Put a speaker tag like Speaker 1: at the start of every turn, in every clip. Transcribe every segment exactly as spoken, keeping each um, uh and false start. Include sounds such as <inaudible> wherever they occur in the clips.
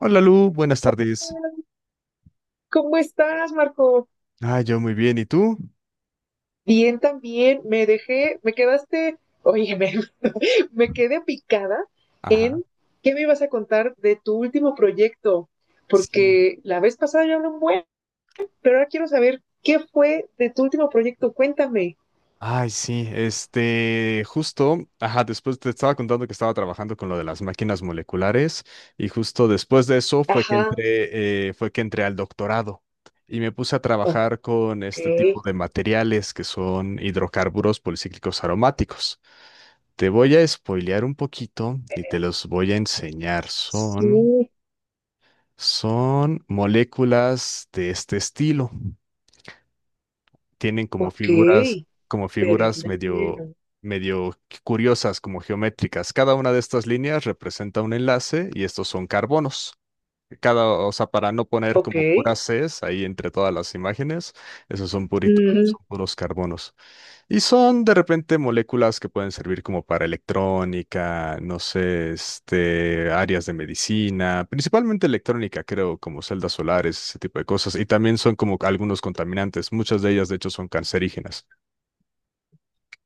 Speaker 1: Hola Lu, buenas
Speaker 2: Oh,
Speaker 1: tardes.
Speaker 2: ¿cómo estás, Marco?
Speaker 1: Ah, yo muy bien, ¿y tú?
Speaker 2: Bien, también. Me dejé, me quedaste, oye, me, <laughs> me quedé picada
Speaker 1: Ajá,
Speaker 2: en qué me ibas a contar de tu último proyecto,
Speaker 1: sí.
Speaker 2: porque la vez pasada yo hablé un buen, pero ahora quiero saber qué fue de tu último proyecto. Cuéntame.
Speaker 1: Ay, sí, este, justo, ajá, después te estaba contando que estaba trabajando con lo de las máquinas moleculares y justo después de eso fue que
Speaker 2: Ajá.
Speaker 1: entré, eh, fue que entré al doctorado y me puse a
Speaker 2: Ok.
Speaker 1: trabajar con este tipo de materiales que son hidrocarburos policíclicos aromáticos. Te voy a spoilear un poquito y te los voy a enseñar. Son,
Speaker 2: Sí.
Speaker 1: son moléculas de este estilo. Tienen como
Speaker 2: Ok,
Speaker 1: figuras, como
Speaker 2: pero
Speaker 1: figuras medio, medio curiosas, como geométricas. Cada una de estas líneas representa un enlace y estos son carbonos. Cada, o sea, para no poner
Speaker 2: ok.
Speaker 1: como puras Cs ahí entre todas las imágenes, esos son puritos, son puros carbonos. Y son de repente moléculas que pueden servir como para electrónica, no sé, este, áreas de medicina, principalmente electrónica, creo, como celdas solares, ese tipo de cosas. Y también son como algunos contaminantes, muchas de ellas de hecho son cancerígenas.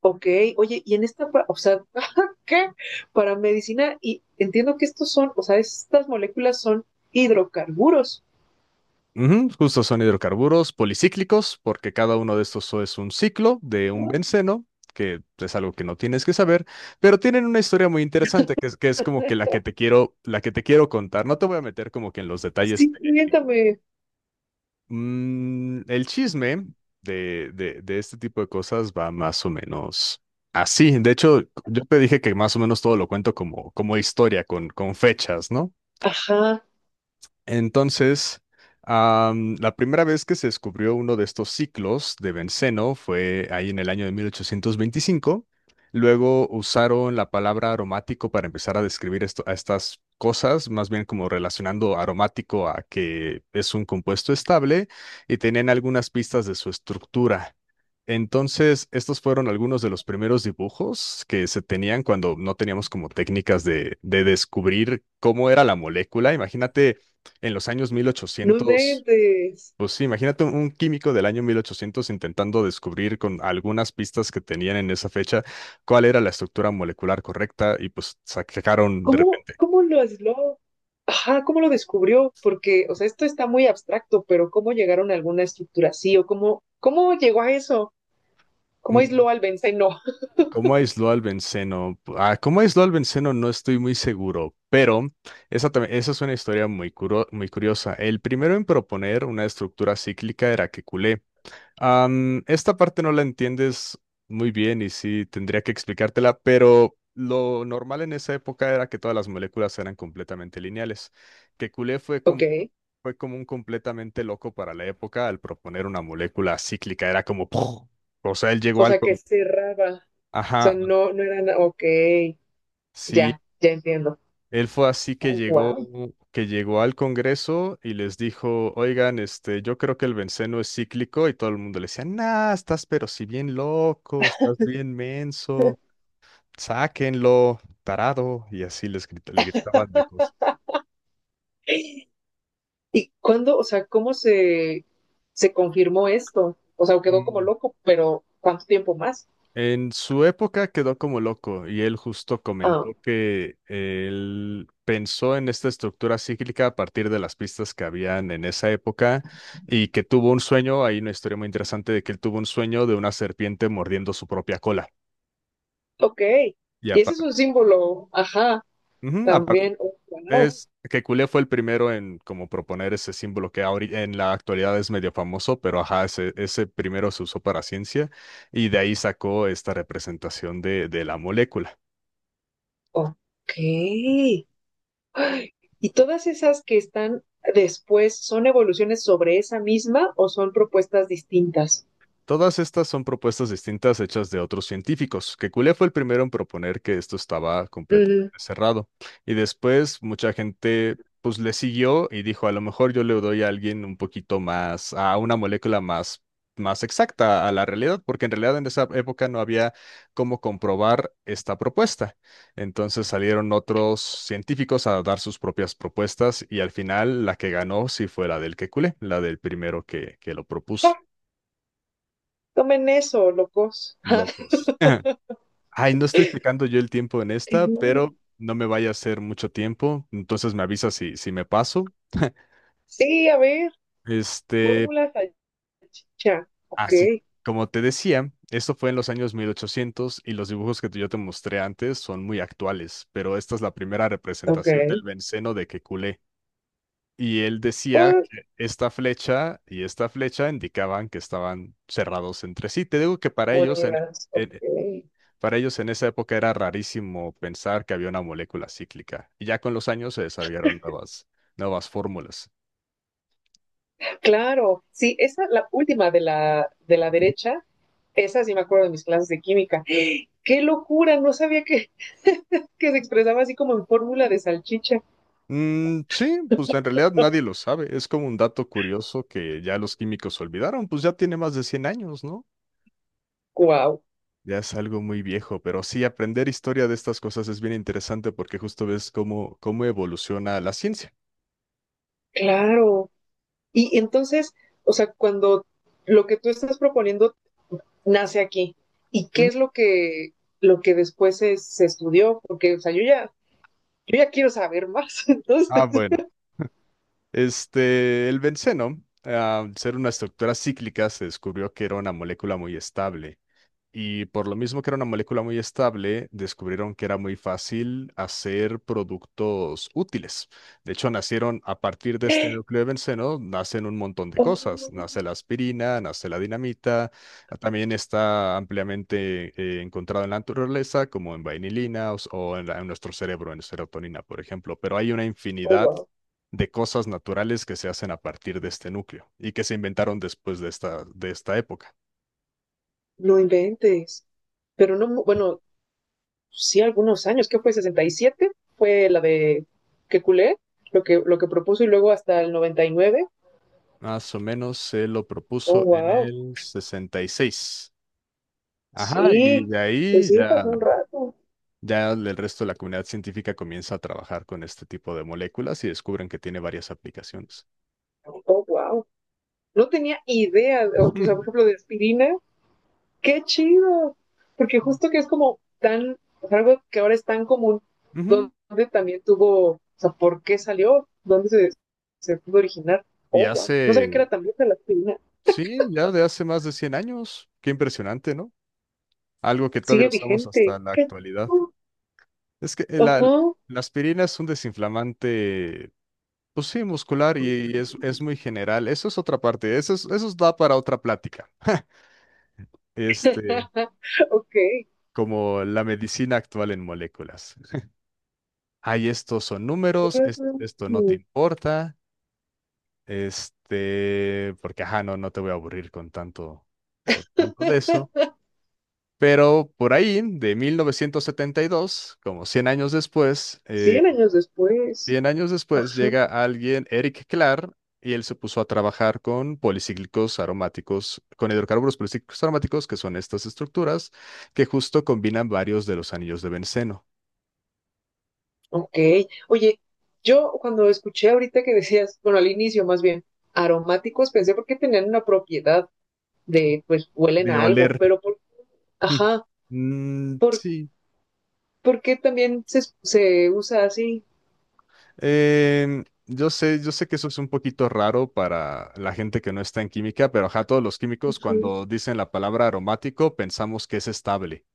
Speaker 2: Ok. Oye, y en esta, pa- o sea, <laughs> ¿qué? Para medicina, y entiendo que estos son, o sea, estas moléculas son hidrocarburos.
Speaker 1: Ujú, justo son hidrocarburos policíclicos, porque cada uno de estos es un ciclo de un benceno, que es algo que no tienes que saber, pero tienen una historia muy interesante que es, que es como que la que te quiero, la que te quiero contar. No te voy a meter como que en los detalles.
Speaker 2: Sí, cuéntame.
Speaker 1: Mm, el chisme de, de, de este tipo de cosas va más o menos así. De hecho, yo te dije que más o menos todo lo cuento como, como, historia, con, con fechas, ¿no?
Speaker 2: Ajá,
Speaker 1: Entonces, am, la primera vez que se descubrió uno de estos ciclos de benceno fue ahí en el año de mil ochocientos veinticinco. Luego usaron la palabra aromático para empezar a describir esto, a estas cosas, más bien como relacionando aromático a que es un compuesto estable, y tenían algunas pistas de su estructura. Entonces, estos fueron algunos de los primeros dibujos que se tenían cuando no teníamos como técnicas de, de descubrir cómo era la molécula. Imagínate en los años mil
Speaker 2: no
Speaker 1: ochocientos,
Speaker 2: inventes.
Speaker 1: pues sí, imagínate un un químico del año mil ochocientos intentando descubrir con algunas pistas que tenían en esa fecha cuál era la estructura molecular correcta, y pues sacaron de
Speaker 2: ¿Cómo,
Speaker 1: repente.
Speaker 2: cómo lo aisló? Ajá, ¿cómo lo descubrió? Porque, o sea, esto está muy abstracto, pero ¿cómo llegaron a alguna estructura así? ¿O cómo, cómo llegó a eso? ¿Cómo
Speaker 1: Mm,
Speaker 2: aisló al benceno? <laughs>
Speaker 1: ¿Cómo aisló al benceno? Ah, ¿cómo aisló al benceno? No estoy muy seguro, pero esa, tam- esa es una historia muy, curo- muy curiosa. El primero en proponer una estructura cíclica era Kekulé. Am, esta parte no la entiendes muy bien y sí tendría que explicártela, pero lo normal en esa época era que todas las moléculas eran completamente lineales. Que Couplé fue
Speaker 2: Ok,
Speaker 1: como, fue como un completamente loco para la época al proponer una molécula cíclica, era como ¡puf! O sea, él llegó
Speaker 2: o
Speaker 1: al
Speaker 2: sea, que
Speaker 1: con.
Speaker 2: cerraba. O sea,
Speaker 1: Ajá,
Speaker 2: no, no era nada. Ok,
Speaker 1: sí,
Speaker 2: ya, ya entiendo.
Speaker 1: él fue así que llegó,
Speaker 2: Wow.
Speaker 1: que llegó al Congreso y les dijo, oigan, este, yo creo que el benceno es cíclico, y todo el mundo le decía, nah, estás pero si bien loco, estás bien menso, sáquenlo, tarado, y así les grita- le gritaban de cosas.
Speaker 2: ¿Y cuándo, o sea, cómo se, se confirmó esto? O sea, quedó como loco, pero ¿cuánto tiempo más?
Speaker 1: En su época quedó como loco, y él justo
Speaker 2: Ah,
Speaker 1: comentó que él pensó en esta estructura cíclica a partir de las pistas que habían en esa época, y que tuvo un sueño. Hay una historia muy interesante de que él tuvo un sueño de una serpiente mordiendo su propia cola.
Speaker 2: ok.
Speaker 1: Y
Speaker 2: Y ese es
Speaker 1: aparte,
Speaker 2: un símbolo, ajá, también. Oh, wow.
Speaker 1: es que Cule fue el primero en como proponer ese símbolo que ahori- en la actualidad es medio famoso, pero ajá, ese, ese primero se usó para ciencia, y de ahí sacó esta representación de de la molécula.
Speaker 2: Ok. Ay, ¿y todas esas que están después son evoluciones sobre esa misma o son propuestas distintas?
Speaker 1: Todas estas son propuestas distintas hechas de otros científicos. Que Kekulé fue el primero en proponer que esto estaba completamente
Speaker 2: Mm.
Speaker 1: cerrado. Y después mucha gente pues le siguió y dijo, a lo mejor yo le doy a alguien un poquito más, a una molécula más, más exacta a la realidad, porque en realidad en esa época no había cómo comprobar esta propuesta. Entonces salieron otros científicos a dar sus propias propuestas, y al final la que ganó sí fue la del que Kekulé, la del primero que, que lo propuso.
Speaker 2: Ja, tomen eso, locos. Ja,
Speaker 1: Locos. Ajá. Ay, no estoy checando yo el tiempo en
Speaker 2: qué
Speaker 1: esta,
Speaker 2: miedo.
Speaker 1: pero no me vaya a hacer mucho tiempo, entonces me avisa si, si me paso. <laughs>
Speaker 2: Sí, a ver,
Speaker 1: Este,
Speaker 2: fórmula salchicha. Ok,
Speaker 1: Así como te decía, esto fue en los años mil ochocientos y los dibujos que yo te mostré antes son muy actuales, pero esta es la primera
Speaker 2: ok.
Speaker 1: representación del benceno de Kekulé. Y él decía
Speaker 2: Pues,
Speaker 1: que esta flecha y esta flecha indicaban que estaban cerrados entre sí. Te digo que para ellos en,
Speaker 2: monedas, ok.
Speaker 1: en- Para ellos en esa época era rarísimo pensar que había una molécula cíclica, y ya con los años se desarrollaron nuevas, nuevas fórmulas.
Speaker 2: Claro, sí, esa, la última de la, de la derecha, esa sí me acuerdo de mis clases de química. ¡Qué locura! No sabía que, que se expresaba así como en fórmula de salchicha.
Speaker 1: Mm, sí, pues en realidad nadie lo sabe, es como un dato curioso que ya los químicos olvidaron, pues ya tiene más de cien años, ¿no?
Speaker 2: ¡Guau!
Speaker 1: Ya es algo muy viejo, pero sí, aprender historia de estas cosas es bien interesante porque justo ves cómo, cómo evoluciona la ciencia.
Speaker 2: Claro. Y entonces, o sea, cuando lo que tú estás proponiendo nace aquí, ¿y qué
Speaker 1: Ujú.
Speaker 2: es lo que, lo que después se, se estudió? Porque, o sea, yo ya, yo ya quiero saber más. <laughs>
Speaker 1: Ah,
Speaker 2: Entonces,
Speaker 1: bueno. Este, el benceno, ah, al ser una estructura cíclica, se descubrió que era una molécula muy estable. Y por lo mismo que era una molécula muy estable, descubrieron que era muy fácil hacer productos útiles. De hecho, nacieron a partir de este núcleo de benceno, nacen un montón de cosas.
Speaker 2: oh,
Speaker 1: Nace la aspirina, nace la dinamita, también está ampliamente eh, encontrado en la naturaleza, como en vainilina o, o en, la- en nuestro cerebro, en serotonina, por ejemplo. Pero hay una
Speaker 2: oh,
Speaker 1: infinidad
Speaker 2: wow,
Speaker 1: de cosas naturales que se hacen a partir de este núcleo y que se inventaron después de esta, de esta época.
Speaker 2: no inventes. Pero no, bueno, sí, algunos años, que fue sesenta y siete fue la de que culé, lo que, lo que propuso y luego hasta el noventa y nueve.
Speaker 1: Más o menos se lo
Speaker 2: Oh,
Speaker 1: propuso en
Speaker 2: wow.
Speaker 1: el sesenta y seis. Ajá, y
Speaker 2: Sí,
Speaker 1: de
Speaker 2: pues
Speaker 1: ahí
Speaker 2: sí,
Speaker 1: ya,
Speaker 2: pasó un rato.
Speaker 1: ya el resto de la comunidad científica comienza a trabajar con este tipo de moléculas, y descubren que tiene varias aplicaciones.
Speaker 2: Oh, wow. No tenía idea,
Speaker 1: <laughs>
Speaker 2: o o sea, por
Speaker 1: Ujú.
Speaker 2: ejemplo, de aspirina. Qué chido. Porque justo que es como tan, o sea, algo que ahora es tan común,
Speaker 1: Ujú.
Speaker 2: donde también tuvo, o sea, ¿por qué salió? ¿Dónde se, se pudo originar?
Speaker 1: Y
Speaker 2: Oh, wow. No sabía que
Speaker 1: hace,
Speaker 2: era tan vieja la aspirina.
Speaker 1: sí, ya de hace más de cien años. Qué impresionante, ¿no? Algo que todavía
Speaker 2: Sigue
Speaker 1: usamos
Speaker 2: vigente.
Speaker 1: hasta la
Speaker 2: Qué
Speaker 1: actualidad.
Speaker 2: chido.
Speaker 1: Es que
Speaker 2: Ajá.
Speaker 1: la, la aspirina es un desinflamante, pues sí, muscular, y, y es, es muy general. Eso es otra parte, eso, es- eso da para otra plática. este,
Speaker 2: <laughs> Ok.
Speaker 1: como la medicina actual en moléculas. Ay, estos son números, es- esto no te
Speaker 2: Mm,
Speaker 1: importa, este, porque ajá, no, no te voy a aburrir con tanto, con tanto de eso. Pero por ahí, de mil novecientos setenta y dos, como cien años después, eh,
Speaker 2: cien años después.
Speaker 1: cien años después
Speaker 2: Ajá.
Speaker 1: llega alguien, Eric Clar, y él se puso a trabajar con policíclicos aromáticos, con hidrocarburos policíclicos aromáticos, que son estas estructuras que justo combinan varios de los anillos de benceno.
Speaker 2: Ok. Oye, yo cuando escuché ahorita que decías, bueno, al inicio más bien, aromáticos, pensé porque tenían una propiedad de, pues, huelen
Speaker 1: De
Speaker 2: a algo,
Speaker 1: oler.
Speaker 2: pero por,
Speaker 1: <laughs>
Speaker 2: ajá,
Speaker 1: Mm,
Speaker 2: por,
Speaker 1: sí.
Speaker 2: ¿por qué también se, se usa así?
Speaker 1: Em, yo sé, yo sé que eso es un poquito raro para la gente que no está en química, pero ajá, todos los químicos
Speaker 2: Ujú.
Speaker 1: cuando dicen la palabra aromático pensamos que es estable.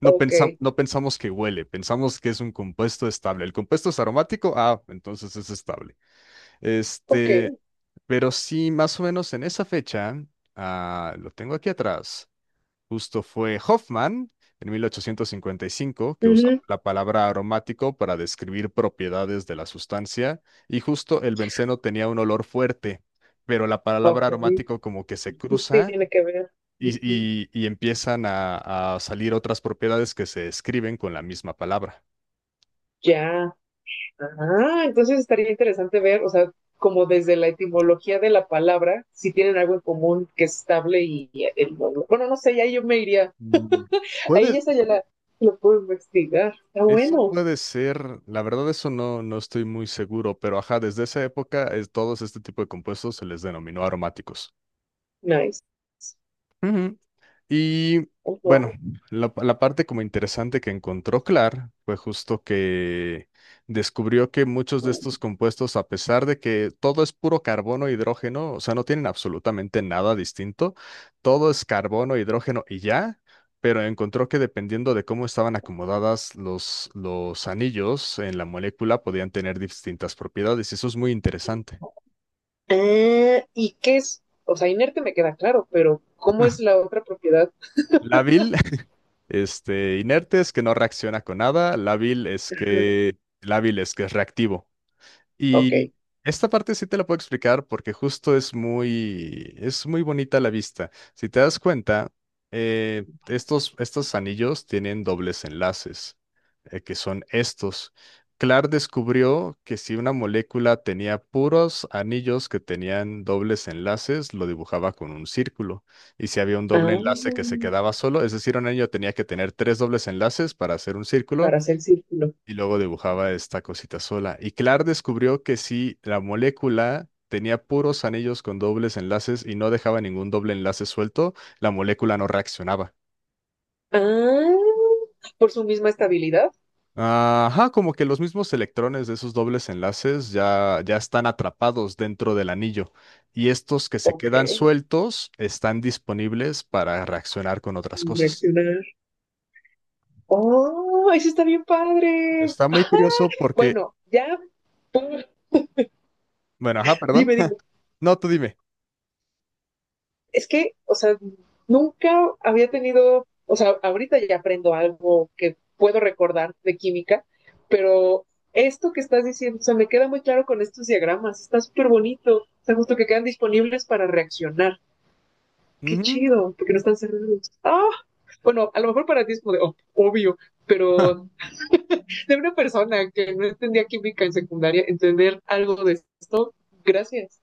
Speaker 1: No
Speaker 2: Ok,
Speaker 1: pensa- no pensamos que huele, pensamos que es un compuesto estable. El compuesto es aromático, ah, entonces es estable.
Speaker 2: ok.
Speaker 1: Este, pero sí, más o menos en esa fecha, ah, lo tengo aquí atrás. Justo fue Hoffman en mil ochocientos cincuenta y cinco que usó
Speaker 2: Ujú.
Speaker 1: la palabra aromático para describir propiedades de la sustancia, y justo el benceno tenía un olor fuerte, pero la palabra
Speaker 2: Ok.
Speaker 1: aromático como que se cruza,
Speaker 2: Tiene que ver.
Speaker 1: y,
Speaker 2: Ujú.
Speaker 1: y- y empiezan a, a salir otras propiedades que se escriben con la misma palabra.
Speaker 2: Ya. Ah, entonces estaría interesante ver, o sea, como desde la etimología de la palabra, si tienen algo en común que es estable y, y el- bueno, no sé, y ahí yo me iría,
Speaker 1: Mm, Puede,
Speaker 2: ahí esa ya la, lo puedo investigar. Está
Speaker 1: Eso
Speaker 2: bueno,
Speaker 1: puede ser. La verdad eso no, no estoy muy seguro, pero ajá, desde esa época es- todos este tipo de compuestos se les denominó aromáticos.
Speaker 2: nice.
Speaker 1: Ujú. Y bueno,
Speaker 2: Guau.
Speaker 1: la, la parte como interesante que encontró Clark fue justo que descubrió que muchos de estos compuestos, a pesar de que todo es puro carbono e hidrógeno, o sea, no tienen absolutamente nada distinto, todo es carbono e hidrógeno y ya, pero encontró que dependiendo de cómo estaban acomodadas los, los anillos en la molécula, podían tener distintas propiedades, y eso es muy interesante.
Speaker 2: Ah, ¿y qué es? O sea, inerte me queda claro, pero ¿cómo es la otra propiedad?
Speaker 1: La vi, Este, inerte es que no reacciona con nada. Lábil es
Speaker 2: Ajá,
Speaker 1: que, lábil es que es reactivo.
Speaker 2: ok.
Speaker 1: Y esta parte sí te la puedo explicar porque justo es muy, es muy bonita a la vista. Si te das cuenta, eh, estos, estos anillos tienen dobles enlaces, eh, que son estos. Clark descubrió que si una molécula tenía puros anillos que tenían dobles enlaces, lo dibujaba con un círculo. Y si había un doble enlace que se
Speaker 2: Ah,
Speaker 1: quedaba solo, es decir, un anillo tenía que tener tres dobles enlaces para hacer un círculo,
Speaker 2: para hacer círculo.
Speaker 1: y luego dibujaba esta cosita sola. Y Clark descubrió que si la molécula tenía puros anillos con dobles enlaces y no dejaba ningún doble enlace suelto, la molécula no reaccionaba.
Speaker 2: Ah, por su misma estabilidad.
Speaker 1: Ajá, como que los mismos electrones de esos dobles enlaces ya, ya están atrapados dentro del anillo, y estos que se
Speaker 2: Ok.
Speaker 1: quedan sueltos están disponibles para reaccionar con otras cosas.
Speaker 2: Reaccionar. Oh, eso está bien padre.
Speaker 1: Está muy curioso
Speaker 2: <laughs>
Speaker 1: porque,
Speaker 2: Bueno, ya,
Speaker 1: bueno, ajá, perdón.
Speaker 2: dime, dime.
Speaker 1: <laughs> No, tú dime.
Speaker 2: Es que, o sea, nunca había tenido, o sea, ahorita ya aprendo algo que puedo recordar de química, pero esto que estás diciendo, o sea, me queda muy claro con estos diagramas, está súper bonito, o sea, justo que quedan disponibles para reaccionar. Qué
Speaker 1: Ujú.
Speaker 2: chido, porque no están cerrados. Ah, bueno, a lo mejor para ti es como de oh, obvio, pero
Speaker 1: <laughs>
Speaker 2: de una persona que no entendía química en secundaria, entender algo de esto, gracias.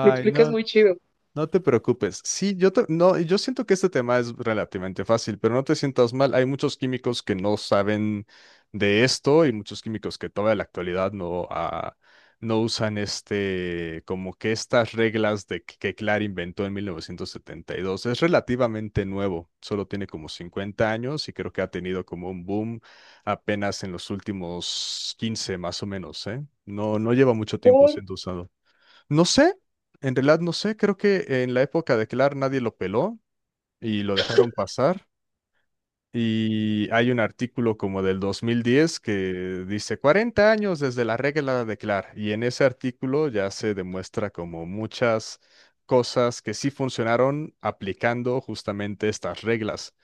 Speaker 2: Lo explicas
Speaker 1: no,
Speaker 2: muy chido.
Speaker 1: no te preocupes. Sí, yo ta- no, yo siento que este tema es relativamente fácil, pero no te sientas mal. Hay muchos químicos que no saben de esto, y muchos químicos que todavía en la actualidad no, ah, no usan este, como que estas reglas de que, que Clark inventó en mil novecientos setenta y dos. Es relativamente nuevo, solo tiene como cincuenta años, y creo que ha tenido como un boom apenas en los últimos quince más o menos, ¿eh? No, no lleva mucho tiempo
Speaker 2: Por
Speaker 1: siendo usado. No sé, en realidad no sé, creo que en la época de Clark nadie lo peló y lo dejaron pasar. Y hay un artículo como del dos mil diez que dice cuarenta años desde la regla de Clark, y en ese artículo ya se demuestra como muchas cosas que sí funcionaron aplicando justamente estas reglas.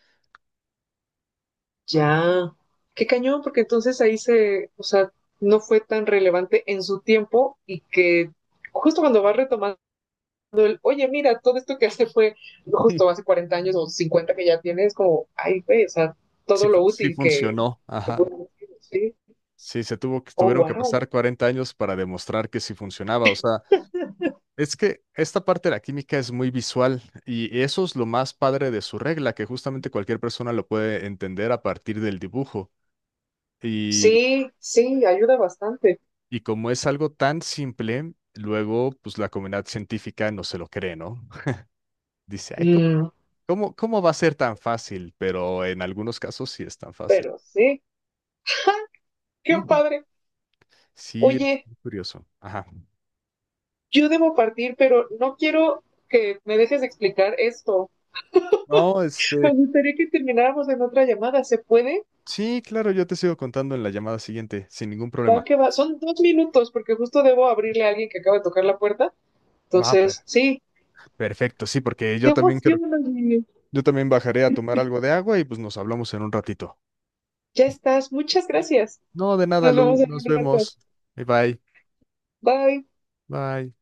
Speaker 2: Ya. Qué cañón, porque entonces ahí se, o sea, no fue tan relevante en su tiempo y que justo cuando vas retomando, oye, mira, todo esto que hace fue justo hace
Speaker 1: <laughs>
Speaker 2: cuarenta años o cincuenta que ya tienes, como, ay, güey, o sea,
Speaker 1: Sí,
Speaker 2: todo
Speaker 1: fu-
Speaker 2: lo
Speaker 1: sí
Speaker 2: útil que...
Speaker 1: funcionó, ajá.
Speaker 2: Sí,
Speaker 1: Sí, se tuvo que,
Speaker 2: oh,
Speaker 1: tuvieron que
Speaker 2: wow.
Speaker 1: pasar cuarenta años para demostrar que sí funcionaba. O sea, es que esta parte de la química es muy visual, y eso es lo más padre de su regla, que justamente cualquier persona lo puede entender a partir del dibujo. Y,
Speaker 2: Sí, sí, ayuda bastante.
Speaker 1: y como es algo tan simple, luego pues la comunidad científica no se lo cree, ¿no? <laughs> Dice, ay, ¿cómo,
Speaker 2: Mm,
Speaker 1: cómo, cómo va a ser tan fácil? Pero en algunos casos sí es tan fácil.
Speaker 2: pero sí. <laughs> Qué
Speaker 1: Ujú.
Speaker 2: padre.
Speaker 1: Sí, es
Speaker 2: Oye,
Speaker 1: muy curioso. Ajá.
Speaker 2: yo debo partir, pero no quiero que me dejes de explicar esto.
Speaker 1: No,
Speaker 2: Me
Speaker 1: este,
Speaker 2: gustaría que termináramos en otra llamada. ¿Se puede?
Speaker 1: sí, claro, yo te sigo contando en la llamada siguiente, sin ningún
Speaker 2: Va
Speaker 1: problema.
Speaker 2: que va. Son dos minutos porque justo debo abrirle a alguien que acaba de tocar la puerta.
Speaker 1: Ah, per-
Speaker 2: Entonces, sí.
Speaker 1: Perfecto, sí, porque
Speaker 2: Qué
Speaker 1: yo también quiero
Speaker 2: emoción, Olivia.
Speaker 1: Yo también bajaré a tomar algo de agua, y pues nos hablamos en un ratito.
Speaker 2: Ya estás. Muchas gracias.
Speaker 1: No, de nada,
Speaker 2: Nos vemos
Speaker 1: Lu.
Speaker 2: en
Speaker 1: Nos
Speaker 2: un rato.
Speaker 1: vemos. Bye bye.
Speaker 2: Bye.
Speaker 1: Bye.